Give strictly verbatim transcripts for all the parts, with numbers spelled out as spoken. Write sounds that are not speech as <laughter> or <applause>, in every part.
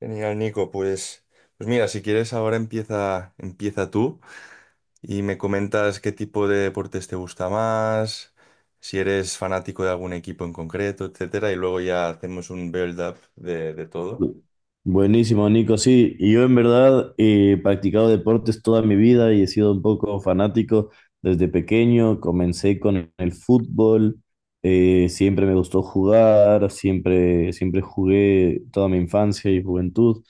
Genial, Nico. Pues, pues mira, si quieres ahora empieza, empieza tú y me comentas qué tipo de deportes te gusta más, si eres fanático de algún equipo en concreto, etcétera, y luego ya hacemos un build-up de, de todo. Bu- Buenísimo, Nico. Sí, y yo en verdad he practicado deportes toda mi vida y he sido un poco fanático desde pequeño. Comencé con el fútbol. Eh, siempre me gustó jugar, siempre, siempre jugué toda mi infancia y juventud.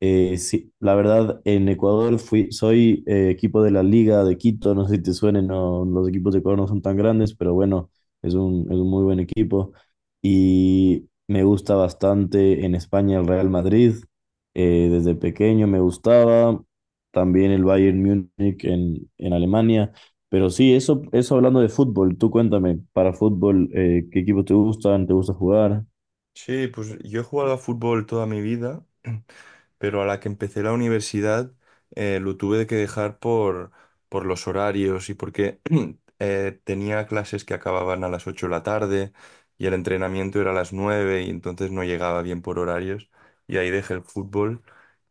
Eh, sí, la verdad, en Ecuador fui, soy eh, equipo de la Liga de Quito. No sé si te suenen, no, los equipos de Ecuador no son tan grandes, pero bueno, es un, es un muy buen equipo, y me gusta bastante en España el Real Madrid. Eh, desde pequeño me gustaba, también el Bayern Múnich en, en Alemania. Pero sí, eso, eso hablando de fútbol, tú cuéntame, para fútbol, eh, ¿qué equipos te gustan? ¿Te gusta jugar? Sí, pues yo he jugado a fútbol toda mi vida pero a la que empecé la universidad, eh, lo tuve que dejar por, por los horarios y porque <clears throat> eh, tenía clases que acababan a las ocho de la tarde y el entrenamiento era a las nueve y entonces no llegaba bien por horarios y ahí dejé el fútbol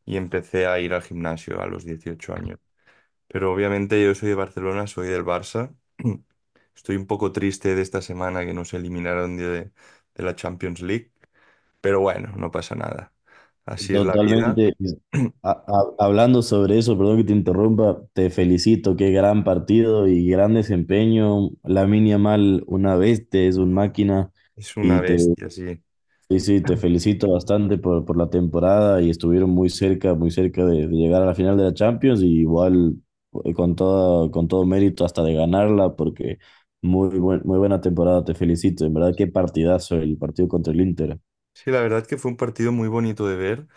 y empecé a ir al gimnasio a los dieciocho años. Pero obviamente yo soy de Barcelona, soy del Barça. <clears throat> Estoy un poco triste de esta semana que nos eliminaron de, de la Champions League, pero bueno, no pasa nada. Así es la vida. Totalmente. <clears throat> Ha- ha- hablando sobre eso, perdón que te interrumpa, te felicito, qué gran partido y gran desempeño. Lamine Yamal, una bestia, es un máquina Es una y te, bestia, sí. sí, sí, te felicito bastante por, por la temporada, y estuvieron muy cerca, muy cerca de, de llegar a la final de la Champions. Y igual, eh, con todo, con todo mérito hasta de ganarla, porque muy buen- muy buena temporada, te felicito. En verdad, qué partidazo el partido contra el Inter. Sí, la verdad que fue un partido muy bonito de ver,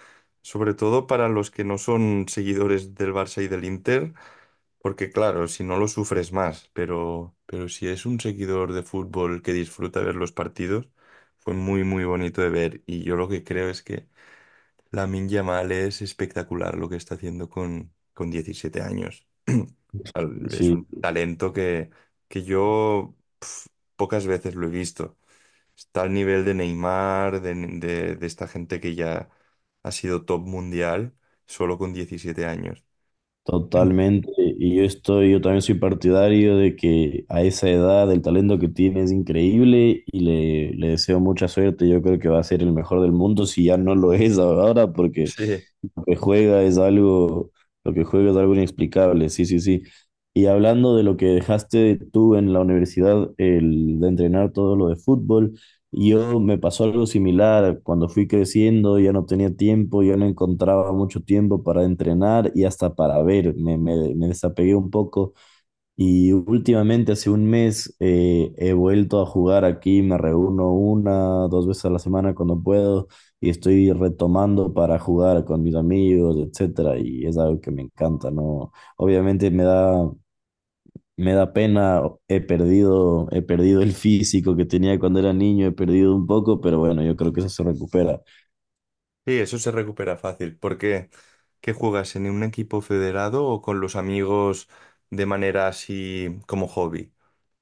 sobre todo para los que no son seguidores del Barça y del Inter, porque claro, si no lo sufres más, pero, pero si es un seguidor de fútbol que disfruta ver los partidos, fue muy, muy bonito de ver. Y yo lo que creo es que Lamine Yamal es espectacular lo que está haciendo con, con diecisiete años. <clears throat> Al- Es Sí. un talento que, que yo pf, pocas veces lo he visto. Está al nivel de Neymar, de, de- de esta gente que ya ha sido top mundial solo con diecisiete años. Totalmente, y yo estoy, yo también soy partidario de que a esa edad el talento que tiene es increíble, y le, le deseo mucha suerte. Yo creo que va a ser el mejor del mundo si ya no lo es ahora, porque Sí. lo que juega es algo, lo que juega es algo inexplicable. Sí, sí, sí. Y hablando de lo que dejaste tú en la universidad, el de entrenar todo lo de fútbol, yo me pasó algo similar. Cuando fui creciendo, ya no tenía tiempo, ya no encontraba mucho tiempo para entrenar y hasta para ver. Me, me, me desapegué un poco, y últimamente, hace un mes, eh, he vuelto a jugar aquí. Me reúno una, dos veces a la semana cuando puedo, y estoy retomando para jugar con mis amigos, etcétera, y es algo que me encanta, ¿no? Obviamente me da, me da pena, he perdido, he perdido el físico que tenía cuando era niño, he perdido un poco, pero bueno, yo creo que eso se recupera. Sí, eso se recupera fácil. ¿Por qué? ¿Qué juegas? ¿En un equipo federado o con los amigos de manera así como hobby?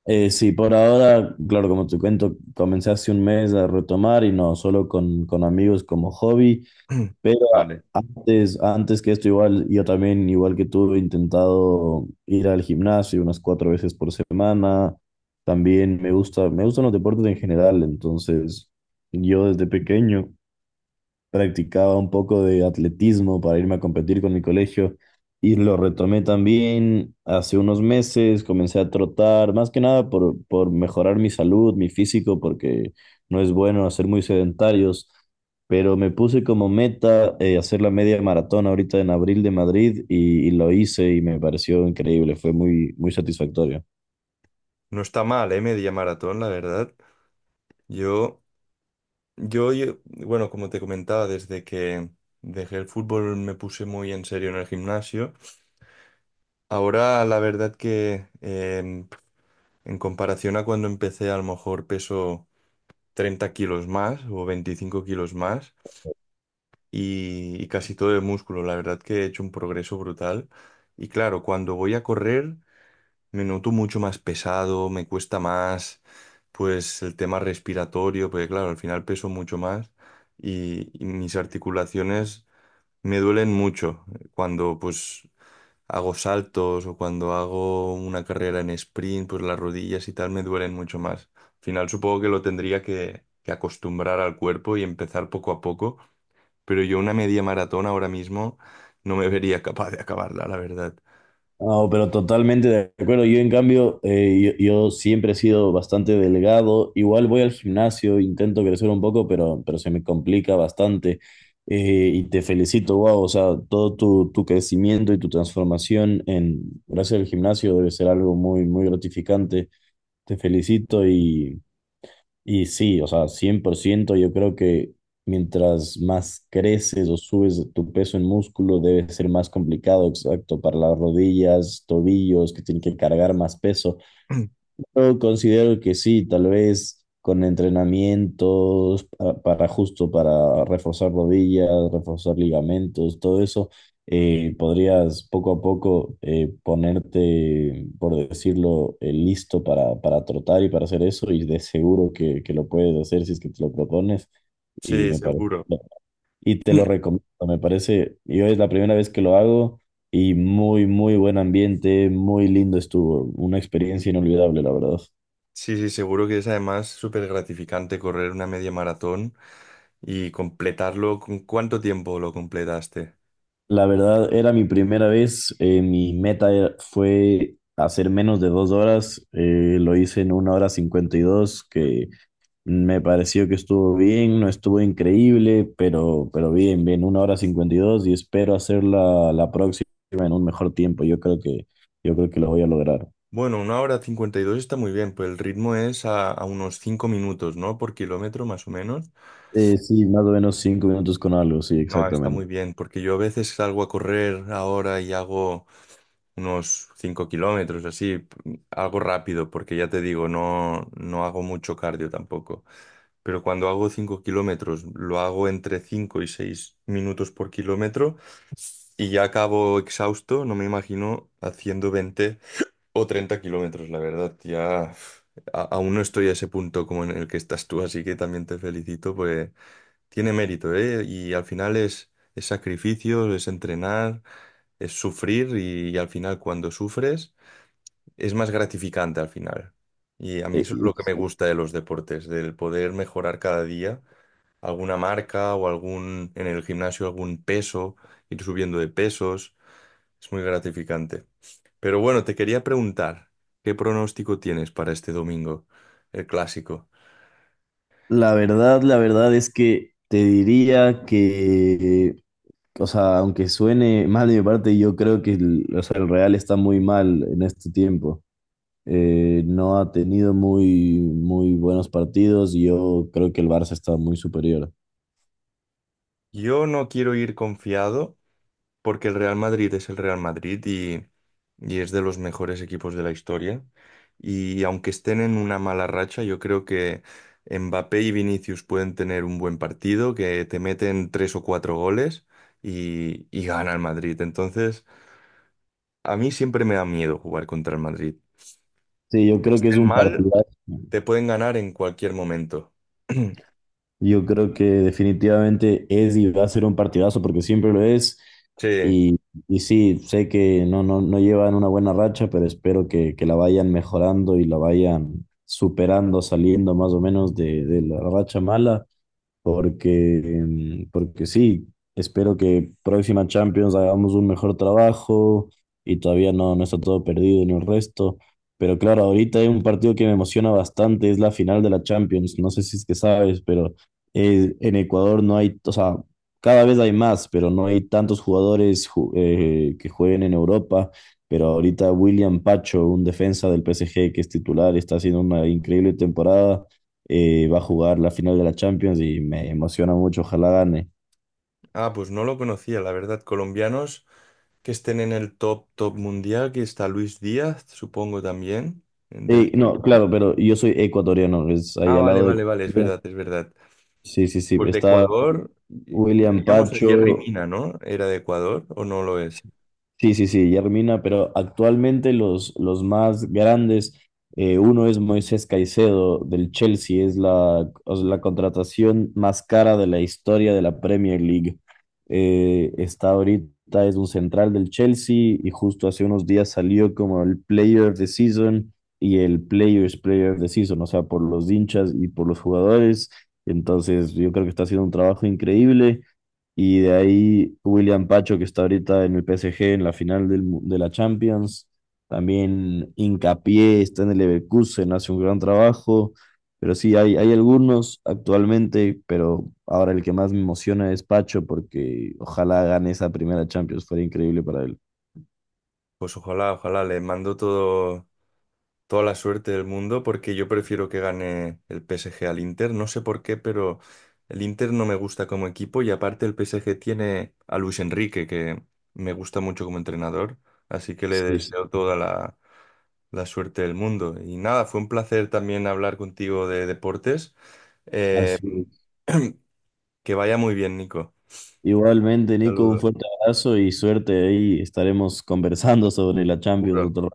Eh, sí, por ahora, claro, como te cuento, comencé hace un mes a retomar y no, solo con, con amigos como hobby. <clears throat> Pero a- Vale. antes, antes que esto, igual, yo también, igual que tú, he intentado ir al gimnasio unas cuatro veces por semana. También me gusta, me gustan los deportes en general. Entonces, yo desde pequeño practicaba un poco de atletismo para irme a competir con mi colegio, y lo retomé también hace unos meses. Comencé a trotar, más que nada por, por mejorar mi salud, mi físico, porque no es bueno hacer muy sedentarios, pero me puse como meta eh, hacer la media maratón ahorita en abril de Madrid, y, y lo hice y me pareció increíble, fue muy, muy satisfactorio. No está mal, ¿eh? Media maratón, la verdad. Yo, yo, yo- bueno, como te comentaba, desde que dejé el fútbol me puse muy en serio en el gimnasio. Ahora, la verdad que em, en comparación a cuando empecé, a lo mejor peso treinta kilos más o veinticinco kilos más y, y casi todo de músculo. La verdad que he hecho un progreso brutal. Y claro, cuando voy a correr me noto mucho más pesado, me cuesta más, pues el tema respiratorio, porque claro, al final peso mucho más y, y mis articulaciones me duelen mucho cuando pues hago saltos o cuando hago una carrera en sprint, pues las rodillas y tal me duelen mucho más. Al final supongo que lo tendría que, que acostumbrar al cuerpo y empezar poco a poco, pero yo una media maratón ahora mismo no me vería capaz de acabarla, la verdad. No, pero totalmente de acuerdo. Yo, en cambio, eh, yo, yo siempre he sido bastante delgado. Igual voy al gimnasio, intento crecer un poco, pero, pero se me complica bastante. Eh, y te felicito, wow. O sea, todo tu, tu crecimiento y tu transformación en, gracias al gimnasio, debe ser algo muy, muy gratificante. Te felicito. Y sí, o sea, cien por ciento yo creo que mientras más creces o subes tu peso en músculo, debe ser más complicado, exacto, para las rodillas, tobillos, que tienen que cargar más peso. <clears throat> Yo considero que sí, tal vez con entrenamientos pa- para, justo para reforzar rodillas, reforzar ligamentos, todo eso, eh, podrías poco a poco eh, ponerte, por decirlo, eh, listo para, para trotar y para hacer eso, y de seguro que, que lo puedes hacer si es que te lo propones, y Sí, me parece, seguro. y te lo <clears throat> recomiendo, me parece, yo es la primera vez que lo hago. Y muy, muy buen ambiente, muy lindo estuvo, una experiencia inolvidable, la verdad. Sí, sí, seguro que es además súper gratificante correr una media maratón y completarlo. ¿Con cuánto tiempo lo completaste? La verdad, era mi primera vez. Eh, mi meta era- fue hacer menos de dos horas. Eh, lo hice en una hora cincuenta y dos, que me pareció que estuvo bien, no estuvo increíble, pero, pero bien, bien, una hora cincuenta y dos, y espero hacerla la próxima en un mejor tiempo. Yo creo que, yo creo que lo voy a lograr. Bueno, una hora cincuenta y dos está muy bien, pues el ritmo es a, a unos cinco minutos, ¿no? Por kilómetro más o menos. Eh, sí, más o menos cinco minutos con algo, sí, No, está exactamente. muy bien, porque yo a veces salgo a correr ahora y hago unos cinco kilómetros, así, p- algo rápido, porque ya te digo, no, no hago mucho cardio tampoco. Pero cuando hago cinco kilómetros, lo hago entre cinco y seis minutos por kilómetro y ya acabo exhausto, no me imagino haciendo veinte o treinta kilómetros, la verdad, ya uf, a- aún no estoy a ese punto como en el que estás tú, así que también te felicito, pues tiene mérito, ¿eh? Y al final es, es sacrificio, es entrenar, es sufrir y, y al final cuando sufres es más gratificante al final. Y a mí Eh, eso es lo que me ex- gusta de los deportes, del poder mejorar cada día alguna marca o algún, en el gimnasio algún peso, ir subiendo de pesos, es muy gratificante. Pero bueno, te quería preguntar, ¿qué pronóstico tienes para este domingo, el clásico? La verdad, la verdad es que te diría que, o sea, aunque suene mal de mi parte, yo creo que el, o sea, el Real está muy mal en este tiempo. Eh, no ha tenido muy, muy buenos partidos, y yo creo que el Barça está muy superior. Yo no quiero ir confiado. Porque el Real Madrid es el Real Madrid y, y es de los mejores equipos de la historia. Y aunque estén en una mala racha, yo creo que Mbappé y Vinicius pueden tener un buen partido, que te meten tres o cuatro goles y, y gana el Madrid. Entonces, a mí siempre me da miedo jugar contra el Madrid. Sí, yo Aunque creo que es estén un mal, partidazo. te pueden ganar en cualquier momento. <clears throat> Yo creo que definitivamente es y va a ser un partidazo porque siempre lo es. Sí. Y, y sí, sé que no, no, no llevan una buena racha, pero espero que, que la vayan mejorando y la vayan superando, saliendo más o menos de, de la racha mala, porque, mm, porque sí, espero que próxima Champions hagamos un mejor trabajo, y todavía no, no está todo perdido en el resto. Pero claro, ahorita hay un partido que me emociona bastante, es la final de la Champions. No sé si es que sabes, pero eh, en Ecuador no hay, o sea, cada vez hay más, pero no hay tantos jugadores ju- eh, que jueguen en Europa. Pero ahorita William Pacho, un defensa del P S G que es titular, está haciendo una increíble temporada. Eh, va a jugar la final de la Champions y me emociona mucho, ojalá gane. Ah, pues no lo conocía, la verdad. Colombianos que estén en el top, top mundial, que está Luis Díaz, supongo también. Eh, del- No, claro, pero yo soy ecuatoriano, es ahí Ah, al vale, lado de vale, vale, es Colombia. verdad, es verdad. Sí, sí, sí, Pues de está Ecuador, y William teníamos a Jerry Pacho. Mina, ¿no? ¿Era de Ecuador o no lo es? Sí, sí, sí, Yermina, pero actualmente los, los más grandes, eh, uno es Moisés Caicedo del Chelsea, es la, o sea, la contratación más cara de la historia de la Premier League. Eh, está ahorita, es un central del Chelsea, y justo hace unos días salió como el Player of the Season y el Players Player of the Season, o sea, por los hinchas y por los jugadores. Entonces, yo creo que está haciendo un trabajo increíble. Y de ahí William Pacho, que está ahorita en el P S G en la final del mu- de la Champions. También Hincapié está en el Leverkusen, hace un gran trabajo. Pero sí, hay, hay algunos actualmente, pero ahora el que más me emociona es Pacho, porque ojalá gane esa primera Champions, fuera increíble para él. Pues ojalá, ojalá, le mando todo, toda la suerte del mundo porque yo prefiero que gane el P S G al Inter. No sé por qué, pero el Inter no me gusta como equipo y aparte el P S G tiene a Luis Enrique, que me gusta mucho como entrenador, así que le Sí, sí, deseo toda la la suerte del mundo. Y nada, fue un placer también hablar contigo de deportes. Eh, así es. que vaya muy bien, Nico. Igualmente, Nico, un Saludos. fuerte abrazo y suerte. Ahí estaremos conversando sobre la Champions Seguro. otro